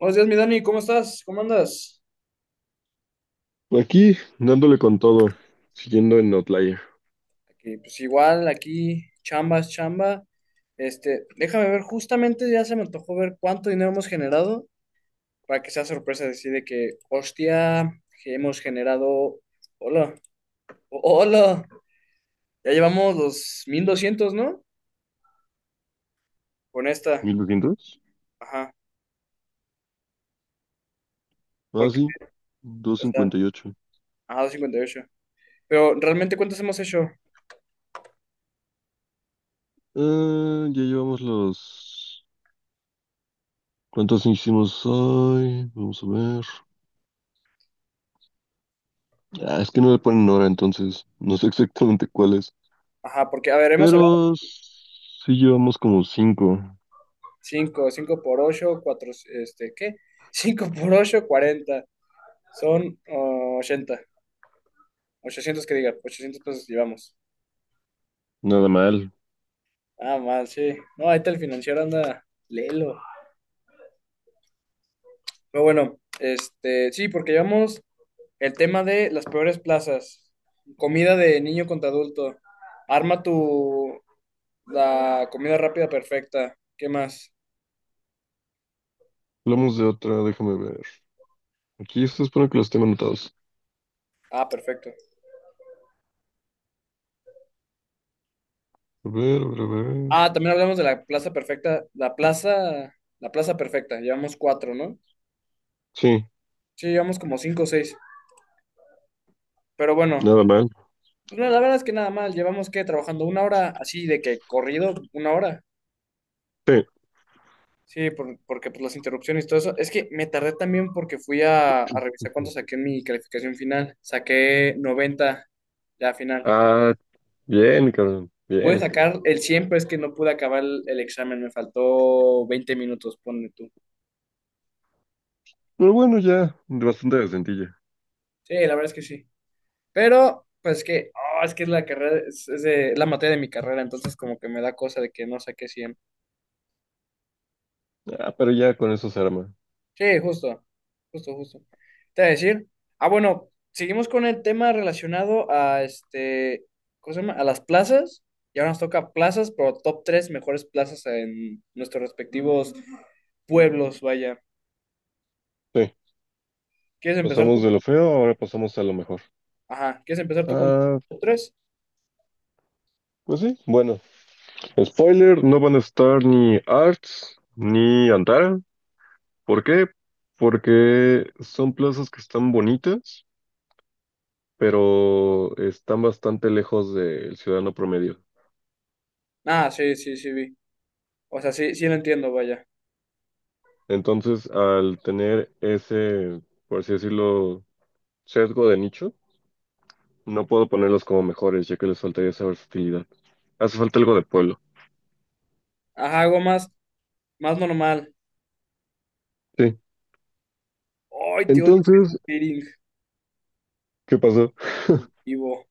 Buenos días, mi Dani, ¿cómo estás? ¿Cómo andas? Aquí, dándole con todo, siguiendo en Outlier. Aquí, pues igual, aquí, chambas, chamba. Déjame ver, justamente ya se me antojó ver cuánto dinero hemos generado para que sea sorpresa decir de que, hostia, que hemos generado. Hola, hola, ya llevamos los 1200, ¿no? Con esta, ¿1200? ajá, Ah, porque, sí, o sea, ajá, 258. 258. Pero realmente, ¿cuántos hemos hecho? Ah, ya llevamos los... ¿Cuántos hicimos hoy? Vamos a ver. Ah, es que no le ponen hora, entonces no sé exactamente cuáles. Ajá, porque, a ver, hemos hablado Pero sí llevamos como cinco. 5 5 por 8, 4, ¿qué? 5 por 8, 40. Son oh, 80. 800 que diga, 800 pesos llevamos. Nada mal. Ah, mal, sí. No, ahí está el financiero, anda, léelo. Pero bueno, sí, porque llevamos el tema de las peores plazas. Comida de niño contra adulto. Arma tu, la comida rápida perfecta. ¿Qué más? Hablamos de otra, déjame ver. Aquí esto espero que los tengo anotados. Ah, perfecto. A ver, a ver, a ver. Ah, también hablamos de la plaza perfecta. La plaza perfecta. Llevamos cuatro, ¿no? Sí, Sí, llevamos como cinco o seis. Pero bueno, nada mal. pues mira, la verdad es que nada mal, llevamos que trabajando una hora así de que corrido, una hora. Sí. Sí, porque pues las interrupciones y todo eso. Es que me tardé también porque fui a revisar cuánto saqué en mi calificación final. Saqué 90 ya final. Ah, bien, cabrón. Pude Bien. sacar el 100 pero es que no pude acabar el examen. Me faltó 20 minutos, ponle tú. Pero bueno, ya, bastante decentilla. Sí, la verdad es que sí. Pero, pues que, oh, es que es la carrera, es la materia de mi carrera, entonces como que me da cosa de que no saqué cien. Ah, pero ya con eso se arma. Sí, justo, justo, justo. Te voy a decir, ah, bueno, seguimos con el tema relacionado a ¿cómo se llama? A las plazas. Y ahora nos toca plazas, pero top tres mejores plazas en nuestros respectivos pueblos, vaya. Sí, ¿Quieres empezar tú? pasamos de lo feo, ahora pasamos a lo mejor. Ajá, ¿quieres empezar tú con Ah, top tres? pues sí, bueno. Spoiler, no van a estar ni Arts ni Antara. ¿Por qué? Porque son plazas que están bonitas, pero están bastante lejos del ciudadano promedio. Ah, sí, sí, sí, vi. O sea, sí, sí lo entiendo, vaya. Entonces, al tener ese, por así decirlo, sesgo de nicho, no puedo ponerlos como mejores, ya que les faltaría esa versatilidad. Hace falta algo de pueblo. Ajá, algo más, más normal. Sí. Ay, te odio Entonces, Facebook Dating, ¿qué pasó? Ivo.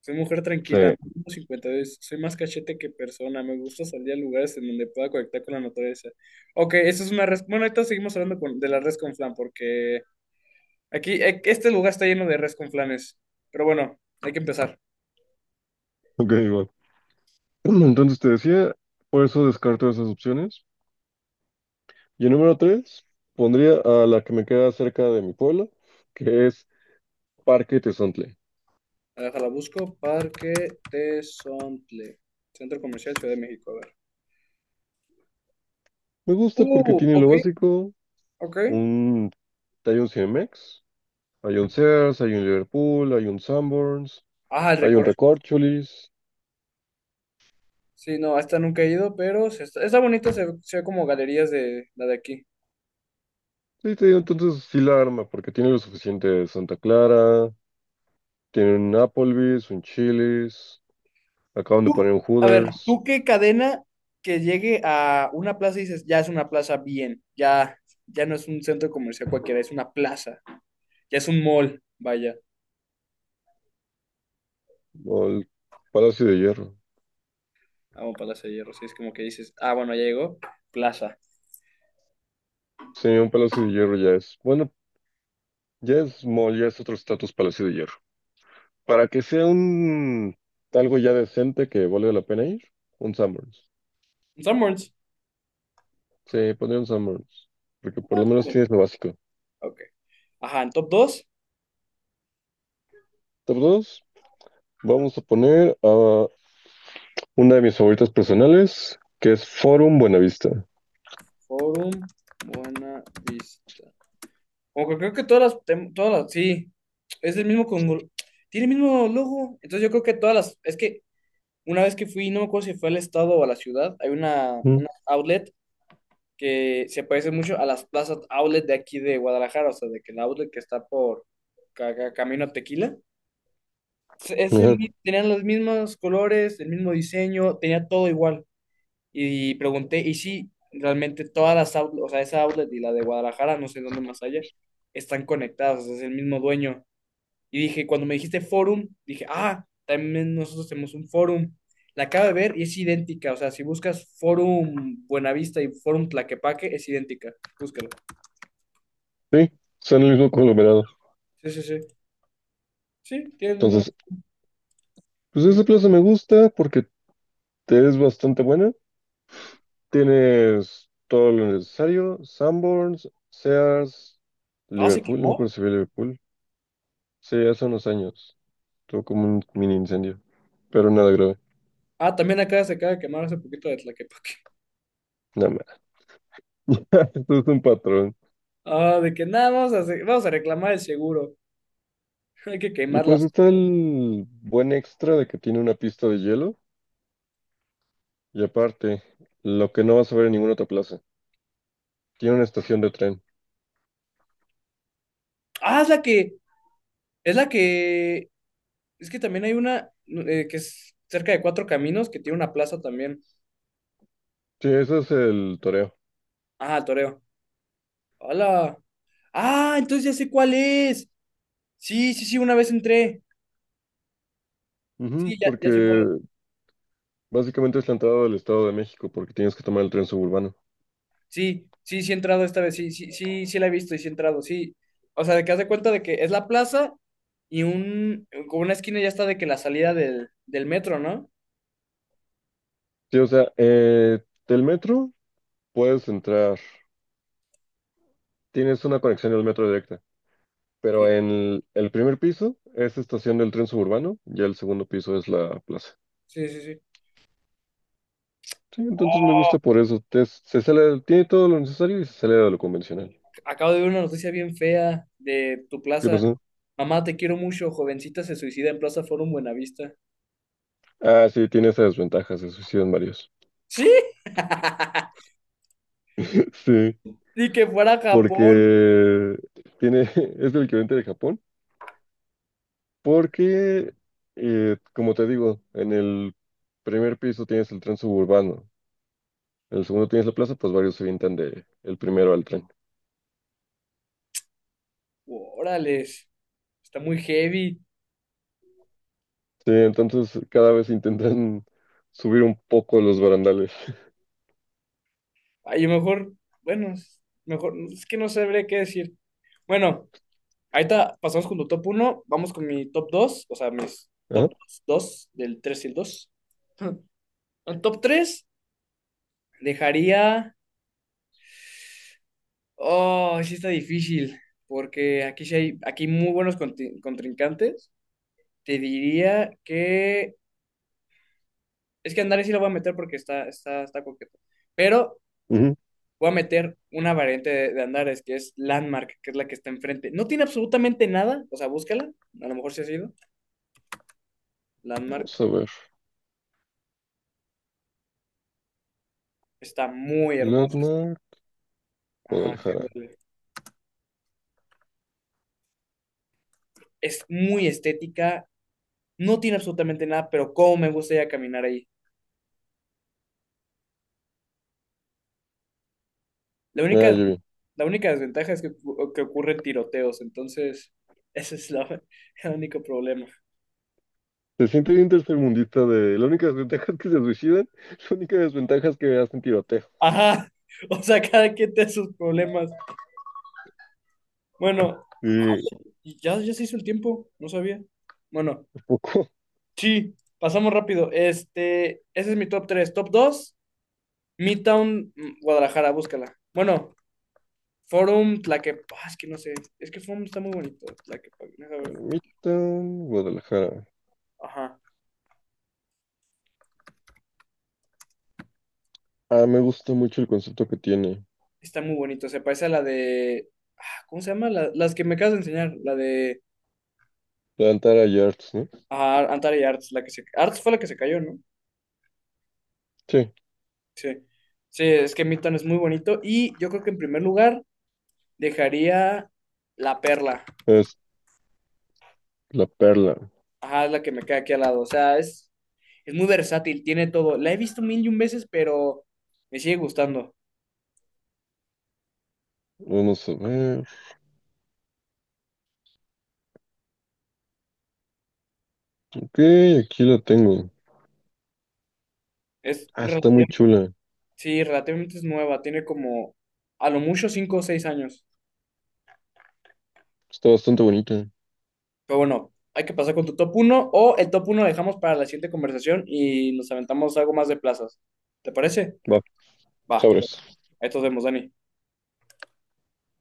Soy mujer tranquila, Sí. mido cincuenta y dos, soy más cachete que persona, me gusta salir a lugares en donde pueda conectar con la naturaleza. Ok, eso es una res... Bueno, ahorita seguimos hablando de la res con flan, porque aquí, este lugar está lleno de res con flanes. Pero bueno, hay que empezar. Ok, igual. Entonces te decía, por eso descarto esas opciones. Y el número tres, pondría a la que me queda cerca de mi pueblo, que es Parque Tezontle. A ver, déjala, busco. Parque Tesontle, Centro Comercial Ciudad de México, a ver. Me gusta porque tiene lo Ok, básico, ok. un... hay un CMX, hay un Sears, hay un Liverpool, hay un Sanborns, Ah, el hay un recorrido. Recorcholis. Sí, no, hasta nunca he ido, pero se está, está bonito, se ve como galerías de la de aquí. Sí, te digo, entonces sí la arma, porque tiene lo suficiente de Santa Clara. Tienen un Applebee's, un Chili's, acaban de Tú- poner un a ver, Hooters, ¿tú qué cadena que llegue a una plaza y dices, ya es una plaza bien, ya, ya no es un centro comercial cualquiera, es una plaza, ya es un mall, vaya, o el Palacio de Hierro. vamos para Plaza de Hierro, si es como que dices, ah, bueno, ya llegó, plaza. Sí, un Palacio de Hierro ya es, bueno, ya es mall, ya es otro estatus Palacio de Hierro. Para que sea un algo ya decente que valga la pena ir, un Sanborns. Sanborns. Sí, pondría un Sanborns, porque por lo menos Bien, tienes lo básico. ok. Ajá, en top 2 Top 2, vamos a poner a una de mis favoritas personales, que es Forum Buenavista. Forum, Buena Vista. Como que creo que todas todas las, sí, es el mismo con, tiene el mismo logo, entonces yo creo que todas las, es que una vez que fui, no me acuerdo si fue al estado o a la ciudad, hay Mm. una outlet que se parece mucho a las plazas outlet de aquí de Guadalajara, o sea, de que el outlet que está por Camino a Tequila, Ajá. Tenían los mismos colores, el mismo diseño, tenía todo igual. Y pregunté, y sí, realmente todas las outlets, o sea, esa outlet y la de Guadalajara, no sé dónde más allá, están conectadas, o sea, es el mismo dueño. Y dije, cuando me dijiste forum, dije, ah, también nosotros tenemos un forum. La acabo de ver y es idéntica. O sea, si buscas forum Buenavista y forum Tlaquepaque, es idéntica. Búscala. Sí, son el mismo conglomerado. Sí, sí, sí. Sí, tiene el Entonces, mismo. pues Mm. esa plaza me gusta porque Te es bastante buena. Tienes todo lo necesario. Sanborns, Sears, No, se Liverpool. No me quemó. acuerdo si fue Liverpool. Sí, hace unos años. Tuvo como un mini incendio. Pero nada grave. Ah, también acá se acaba de quemar hace poquito de Tlaquepaque. Nada más. Esto es un patrón. Ah, de que nada, vamos a reclamar el seguro. Hay que Y pues quemarlas. está el buen extra de que tiene una pista de hielo. Y aparte, lo que no vas a ver en ninguna otra plaza. Tiene una estación de tren. Ah, es la que, es la que, es que también hay una que es cerca de Cuatro Caminos que tiene una plaza también. Sí, ese es el toreo. Ah, el Toreo. Hola. Ah, entonces ya sé cuál es. Sí, sí, sí, una vez entré. Ujú, Sí, ya, porque ya sé cuál es. básicamente es la entrada del Estado de México, porque tienes que tomar el tren suburbano. Sí, sí, sí he entrado esta vez. Sí, sí, sí, sí la he visto y sí he entrado, sí. O sea, de que haz de cuenta de que es la plaza y un, con una esquina ya está de que la salida del metro, ¿no? Sí, o sea, del metro puedes entrar, tienes una conexión del metro directa, pero Sí, en el primer piso es estación del tren suburbano y el segundo piso es la plaza. sí, sí, sí. Sí, entonces me Oh, gusta por eso. Se sale, tiene todo lo necesario y se sale de lo convencional. acabo de ver una noticia bien fea de tu ¿Qué plaza. pasó? Mamá, te quiero mucho. Jovencita se suicida en Plaza Forum Buenavista. Ah, sí, tiene esas desventajas, se suicidan varios. Sí, Sí, ni que fuera Japón. porque tiene, es el equivalente de Japón, porque, como te digo, en el primer piso tienes el tren suburbano. El segundo tienes la plaza, pues varios se avientan de el primero al tren. Órales, está muy heavy. Sí, entonces cada vez intentan subir un poco los barandales. A lo mejor, bueno, mejor, es que no sabré qué decir. Bueno, ahorita pasamos con tu top uno, vamos con mi top dos, o sea, mis Ajá, top dos, del 3 y el dos. El top 3 dejaría. Oh, sí está difícil, porque aquí sí hay, aquí hay muy buenos contrincantes. Te diría que. Es que Andrés sí lo voy a meter porque está, está, está coqueto. Pero ujú. voy a meter una variante de Andares, que es Landmark, que es la que está enfrente. No tiene absolutamente nada, o sea, búscala, a lo mejor se ha sido. Landmark Vamos a ver. está muy hermosa. Latmar, Ajá, Guadalajara. es muy estética, no tiene absolutamente nada, pero cómo me gusta ya caminar ahí. La Ah, única, ya vi. la única desventaja es que, que ocurren tiroteos, entonces ese es el único problema. Se siente bien tercermundista de... La única desventaja es que se suicidan. La única desventaja es que hacen tiroteo. Ajá, o sea, cada quien tiene sus problemas. Bueno, Y y ya, ya se hizo el tiempo, no sabía. Bueno, un poco. sí, pasamos rápido. Ese es mi top tres. Top 2 Midtown, mm, Guadalajara, búscala. Bueno, Forum Tlaquepaque, ah, es que no sé, es que Forum está muy bonito, Tlaquepaque, deja ver. Ermitan, Guadalajara. Ajá, Ah, me gusta mucho el concepto que tiene. está muy bonito, se parece a ah, ¿cómo se llama? Las que me acabas de enseñar, la de Plantara Yards, ¿no? ah, Antara y Arts, la que se, Arts fue la que se cayó, ¿no? Sí, Sí, sí, es que Midtown es muy bonito y yo creo que en primer lugar dejaría La Perla, es la perla. ajá, es la que me queda aquí al lado, o sea, es. Es muy versátil, tiene todo. La he visto mil y un veces, pero me sigue gustando. Vamos a ver. Ok, aquí la tengo. Es Ah, está muy relativamente, chula. sí, relativamente es nueva, tiene como a lo mucho cinco o seis años. Está bastante bonita. Pero bueno, hay que pasar con tu top uno, o el top uno lo dejamos para la siguiente conversación y nos aventamos algo más de plazas. ¿Te parece? Va, Va, sobres. ahí nos vemos, Dani.